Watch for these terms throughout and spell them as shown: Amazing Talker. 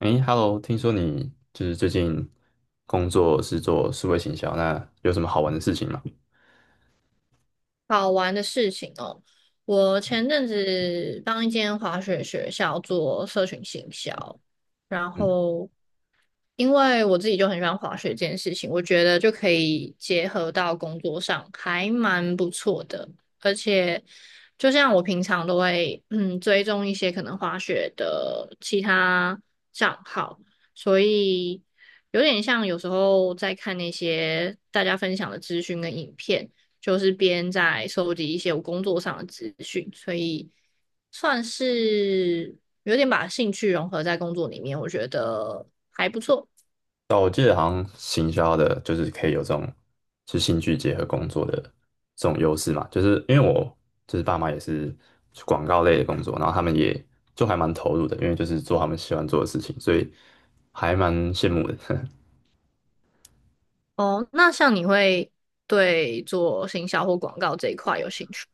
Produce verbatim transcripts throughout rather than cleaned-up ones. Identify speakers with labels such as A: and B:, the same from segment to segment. A: 诶 h e l l o 听说你就是最近工作是做数位行销，那有什么好玩的事情吗？
B: 好玩的事情哦。我前阵子帮一间滑雪学校做社群行销，然
A: 嗯，
B: 后因为我自己就很喜欢滑雪这件事情，我觉得就可以结合到工作上，还蛮不错的。而且，就像我平常都会嗯追踪一些可能滑雪的其他账号，所以有点像有时候在看那些大家分享的资讯跟影片，就是边在收集一些我工作上的资讯，所以算是有点把兴趣融合在工作里面，我觉得。
A: 但我记得好像行销的，就是可以有这种是兴趣结合工作的这种优势嘛，就是因为我就是爸妈也是广告类的工作，然后他们也就还蛮投入的，因为就是做他们喜欢做的事情，所以还蛮羡慕的，
B: 哦，那像你会对做行销或广告这一块有兴趣？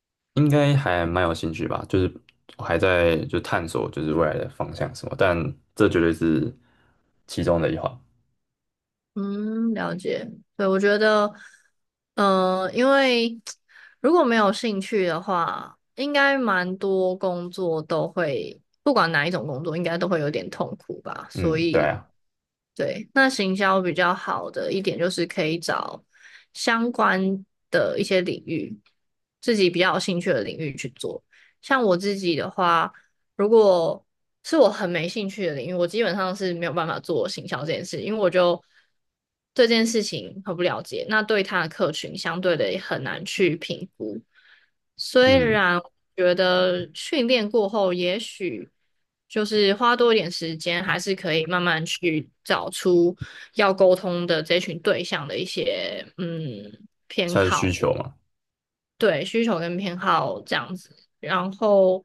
A: 应该还蛮有兴趣吧，就是我还在就探索就是未来的方向什么，但这绝对是其中的一环。
B: 嗯，了解。对，我觉得，呃，因为如果没有兴趣的话，应该蛮多工作都会，不管哪一种工作，应该都会有点痛苦吧。
A: 嗯，
B: 所
A: 对
B: 以，
A: 啊，
B: 对，那行销比较好的一点就是可以找相关的一些领域，自己比较有兴趣的领域去做。像我自己的话，如果是我很没兴趣的领域，我基本上是没有办法做行销这件事，因为我就对这件事情很不了解，那对他的客群相对的也很难去评估。虽
A: 嗯，
B: 然我觉得训练过后，也许就是花多一点时间，还是可以慢慢去找出要沟通的这群对象的一些嗯
A: 它的需求嘛，
B: 对，需求跟偏好这样子。然后，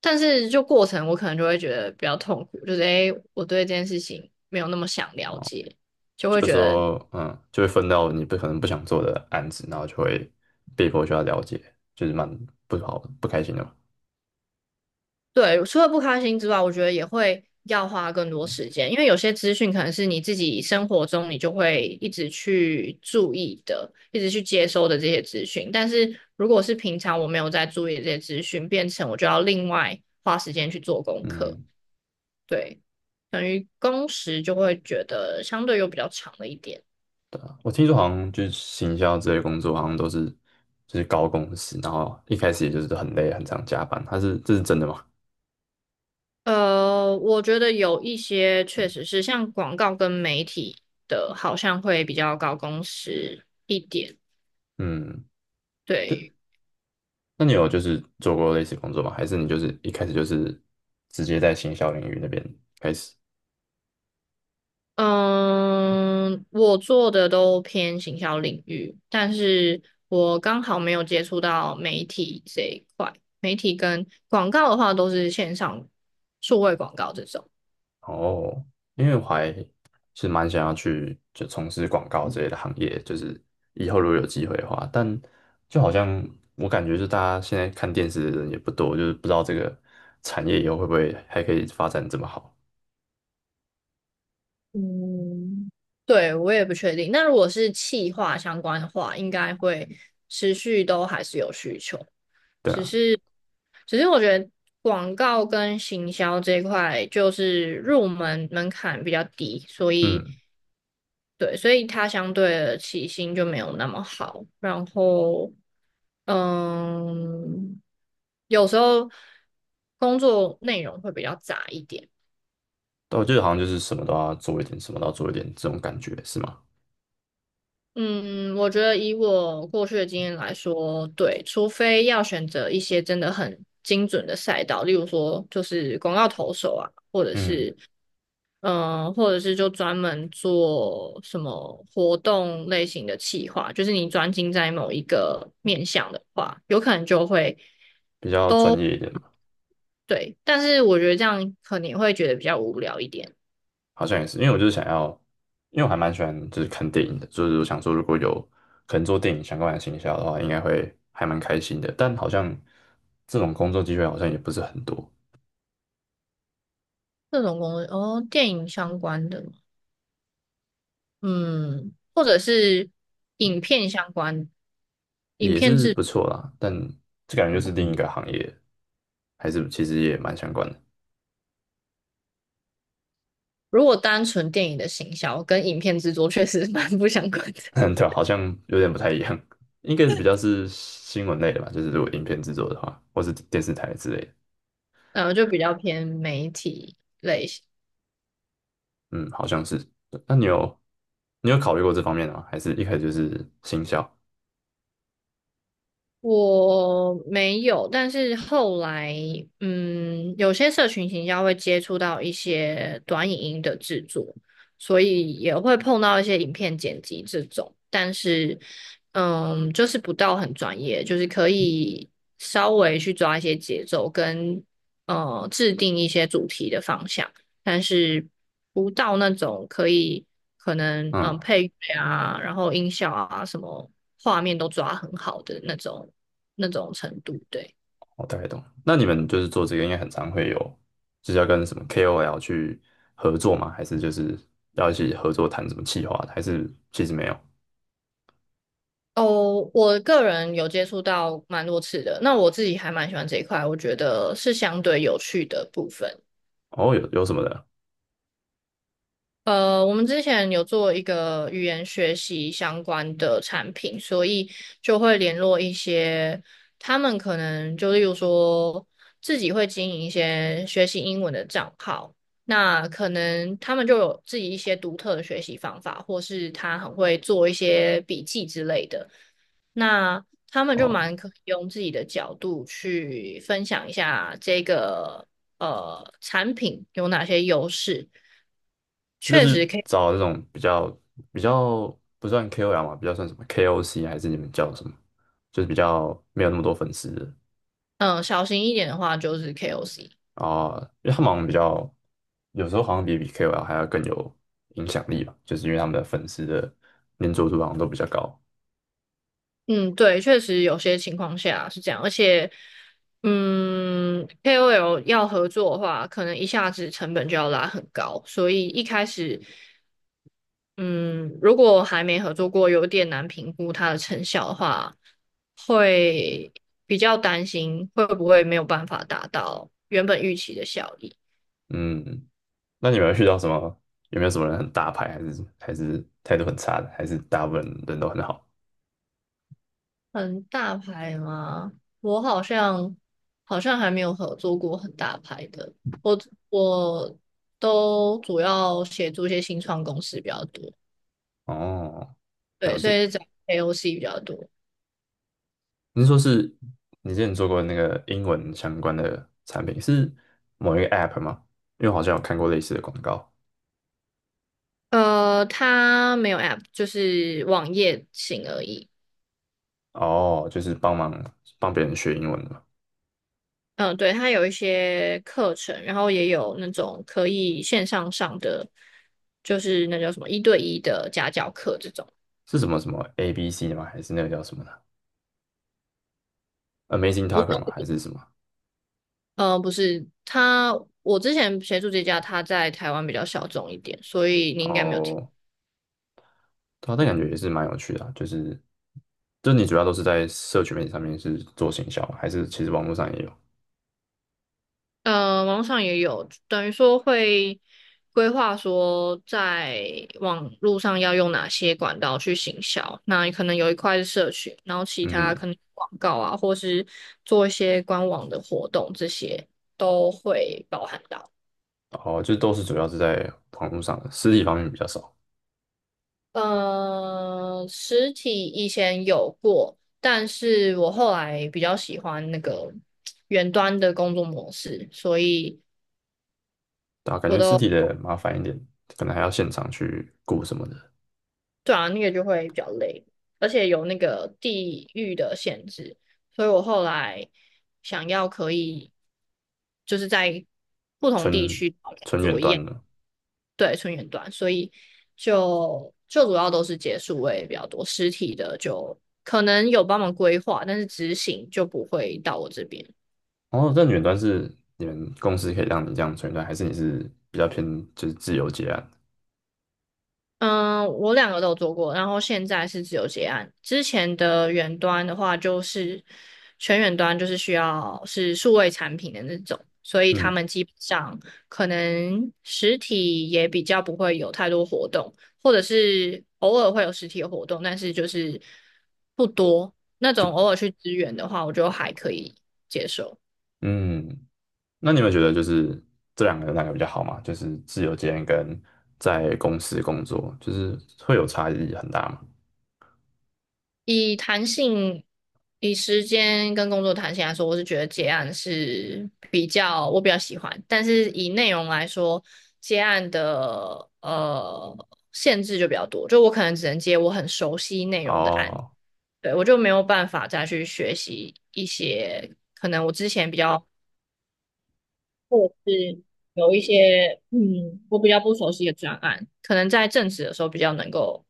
B: 但是就过程我可能就会觉得比较痛苦，就是诶，我对这件事情没有那么想了解，就会
A: 有
B: 觉
A: 时
B: 得。
A: 候嗯就会分到你不可能不想做的案子，然后就会被迫需要了解，就是蛮不好不开心的嘛。
B: 对，除了不开心之外，我觉得也会要花更多时间，因为有些资讯可能是你自己生活中你就会一直去注意的，一直去接收的这些资讯，但是如果是平常我没有在注意这些资讯，变成我就要另外花时间去做功课。
A: 嗯，
B: 对，等于工时就会觉得相对又比较长了一点。
A: 对啊，我听说好像就是行销这类工作，好像都是就是高工资，然后一开始也就是很累，很常加班，他是这是真的吗？
B: 呃，我觉得有一些确实是像广告跟媒体的，好像会比较高工时一点。
A: 嗯，
B: 对，
A: 对，那你有就是做过类似工作吗？还是你就是一开始就是直接在行销领域那边开始？
B: 嗯，我做的都偏行销领域，但是我刚好没有接触到媒体这一块。媒体跟广告的话，都是线上数位广告这种。
A: 哦，因为我还是蛮想要去就从事广告之类的行业，就是以后如果有机会的话，但就好像我感觉，是大家现在看电视的人也不多，就是不知道这个产业以后会不会还可以发展这么好，
B: 嗯，对，我也不确定。那如果是企划相关的话，应该会持续都还是有需求，
A: 对
B: 只
A: 啊，
B: 是，只是我觉得广告跟行销这一块就是入门门槛比较低，所以，
A: 嗯，
B: 对，所以它相对的起薪就没有那么好。然后，嗯，有时候工作内容会比较杂一点。
A: 但我觉得好像就是什么都要做一点，什么都要做一点这种感觉，是吗？
B: 嗯，我觉得以我过去的经验来说，对，除非要选择一些真的很精准的赛道，例如说就是广告投手啊，或者
A: 嗯，
B: 是嗯、呃或者是就专门做什么活动类型的企划，就是你专精在某一个面向的话，有可能就会
A: 比较
B: 都。
A: 专业一点，
B: 对，但是我觉得这样可能会觉得比较无聊一点。
A: 好像也是，因为我就是想要，因为我还蛮喜欢就是看电影的，就是我想说如果有可能做电影相关的行销的话，应该会还蛮开心的。但好像这种工作机会好像也不是很多，
B: 这种工作哦，电影相关的吗，嗯，或者是影片相关。影
A: 也
B: 片
A: 是
B: 制，
A: 不错啦，但这感觉就是另一个行业，还是其实也蛮相关的。
B: 如果单纯电影的行销跟影片制作确实蛮不相关的，
A: 对啊，好像有点不太一样，应该是比较是新闻类的吧，就是如果影片制作的话，或是电视台之类的。
B: 呃，就比较偏媒体。
A: 嗯，好像是。对那你有你有考虑过这方面的吗？还是一开始就是行销？
B: 我没有，但是后来，嗯，有些社群行销会接触到一些短影音的制作，所以也会碰到一些影片剪辑这种，但是，嗯，就是不到很专业，就是可以稍微去抓一些节奏跟，呃，制定一些主题的方向，但是不到那种可以，可能，嗯，
A: 嗯。
B: 配乐啊，然后音效啊，什么画面都抓很好的那种。那种程度。对。
A: 我大概懂。那你们就是做这个，应该很常会有，就是要跟什么 K O L 去合作吗？还是就是要一起合作谈什么企划还是其实没有？
B: 哦，我个人有接触到蛮多次的，那我自己还蛮喜欢这一块，我觉得是相对有趣的部分。
A: 哦，有有什么的？
B: 呃，我们之前有做一个语言学习相关的产品，所以就会联络一些，他们可能就例如说自己会经营一些学习英文的账号，那可能他们就有自己一些独特的学习方法，或是他很会做一些笔记之类的。那他们就
A: 哦，
B: 蛮可以用自己的角度去分享一下这个呃产品有哪些优势，
A: 这就
B: 确
A: 是
B: 实可以。
A: 找那种比较比较不算 K O L 嘛，比较算什么 K O C 还是你们叫什么？就是比较没有那么多粉丝的
B: 嗯、小心一点的话就是 K O C。
A: 啊，因为他们好像比较有时候好像比比 K O L 还要更有影响力吧，就是因为他们的粉丝的粘着度好像都比较高。
B: 嗯，对，确实有些情况下是这样，而且嗯 K O L 要合作的话，可能一下子成本就要拉很高，所以一开始，嗯，如果还没合作过，有点难评估它的成效的话，会比较担心会不会没有办法达到原本预期的效益。
A: 嗯，那你们有遇到什么？有没有什么人很大牌，还是还是态度很差的，还是大部分人都很好？
B: 很大牌吗？我好像好像还没有合作过很大牌的，我我都主要协助一些新创公司比较多，
A: 哦，
B: 对，
A: 了
B: 所
A: 解。
B: 以找 A O C 比较多。
A: 您说是你之前做过那个英文相关的产品，是某一个 App 吗？因为我好像有看过类似的广告。
B: 呃，它没有 App，就是网页型而已。
A: 哦，就是帮忙帮别人学英文的嘛？
B: 嗯，对，它有一些课程，然后也有那种可以线上上的，就是那叫什么一对一的家教课这种。
A: 是什么什么 A B C 吗？还是那个叫什么呢？Amazing
B: 不是，
A: Talker 吗？还是什么？
B: 呃，不是，他我之前协助这家，他在台湾比较小众一点，所以你应该没有听。
A: 哦，对啊，但感觉也是蛮有趣的啊就是，就你主要都是在社群媒体上面是做行销吗还是其实网络上也有？
B: 呃，网络上也有，等于说会规划说在网络上要用哪些管道去行销。那可能有一块是社群，然后其他
A: 嗯。
B: 可能广告啊，或是做一些官网的活动，这些都会包含到。
A: 哦，就都是主要是在网络上的，实体方面比较少，
B: 呃，实体以前有过，但是我后来比较喜欢那个远端的工作模式，所以
A: 对啊，感
B: 我
A: 觉实
B: 都。
A: 体的麻烦一点，可能还要现场去雇什么的，
B: 对啊，那个就会比较累，而且有那个地域的限制，所以我后来想要可以就是在不同地
A: 纯
B: 区
A: 纯
B: 做
A: 远
B: 一样，
A: 端的。
B: 对，纯远端，所以就就主要都是结束位比较多，实体的就可能有帮忙规划，但是执行就不会到我这边。
A: 哦，但远端是你们公司可以让你这样纯远端，还是你是比较偏就是自由接案？
B: 嗯，我两个都有做过，然后现在是自由结案。之前的远端的话，就是全远端，就是需要是数位产品的那种，所以他
A: 嗯
B: 们基本上可能实体也比较不会有太多活动，或者是偶尔会有实体的活动，但是就是不多。那种偶尔去支援的话，我就还可以接受。
A: 嗯，那你们觉得就是这两个哪个比较好嘛？就是自由接案跟在公司工作，就是会有差异很大嘛？
B: 以弹性、以时间跟工作弹性来说，我是觉得接案是比较我比较喜欢，但是以内容来说，接案的呃限制就比较多，就我可能只能接我很熟悉内容的案，
A: 哦，
B: 对，我就没有办法再去学习一些可能我之前比较，或者是有一些嗯我比较不熟悉的专案，可能在正职的时候比较能够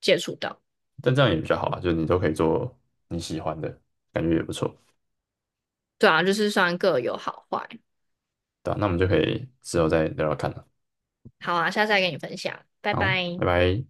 B: 接触到。
A: 但这样也比较好啊，就是你都可以做你喜欢的，感觉也不错。
B: 对啊，就是算各有好坏。
A: 对啊，那我们就可以之后再聊聊看了。
B: 好啊，下次再跟你分享，拜
A: 好，
B: 拜。
A: 拜拜。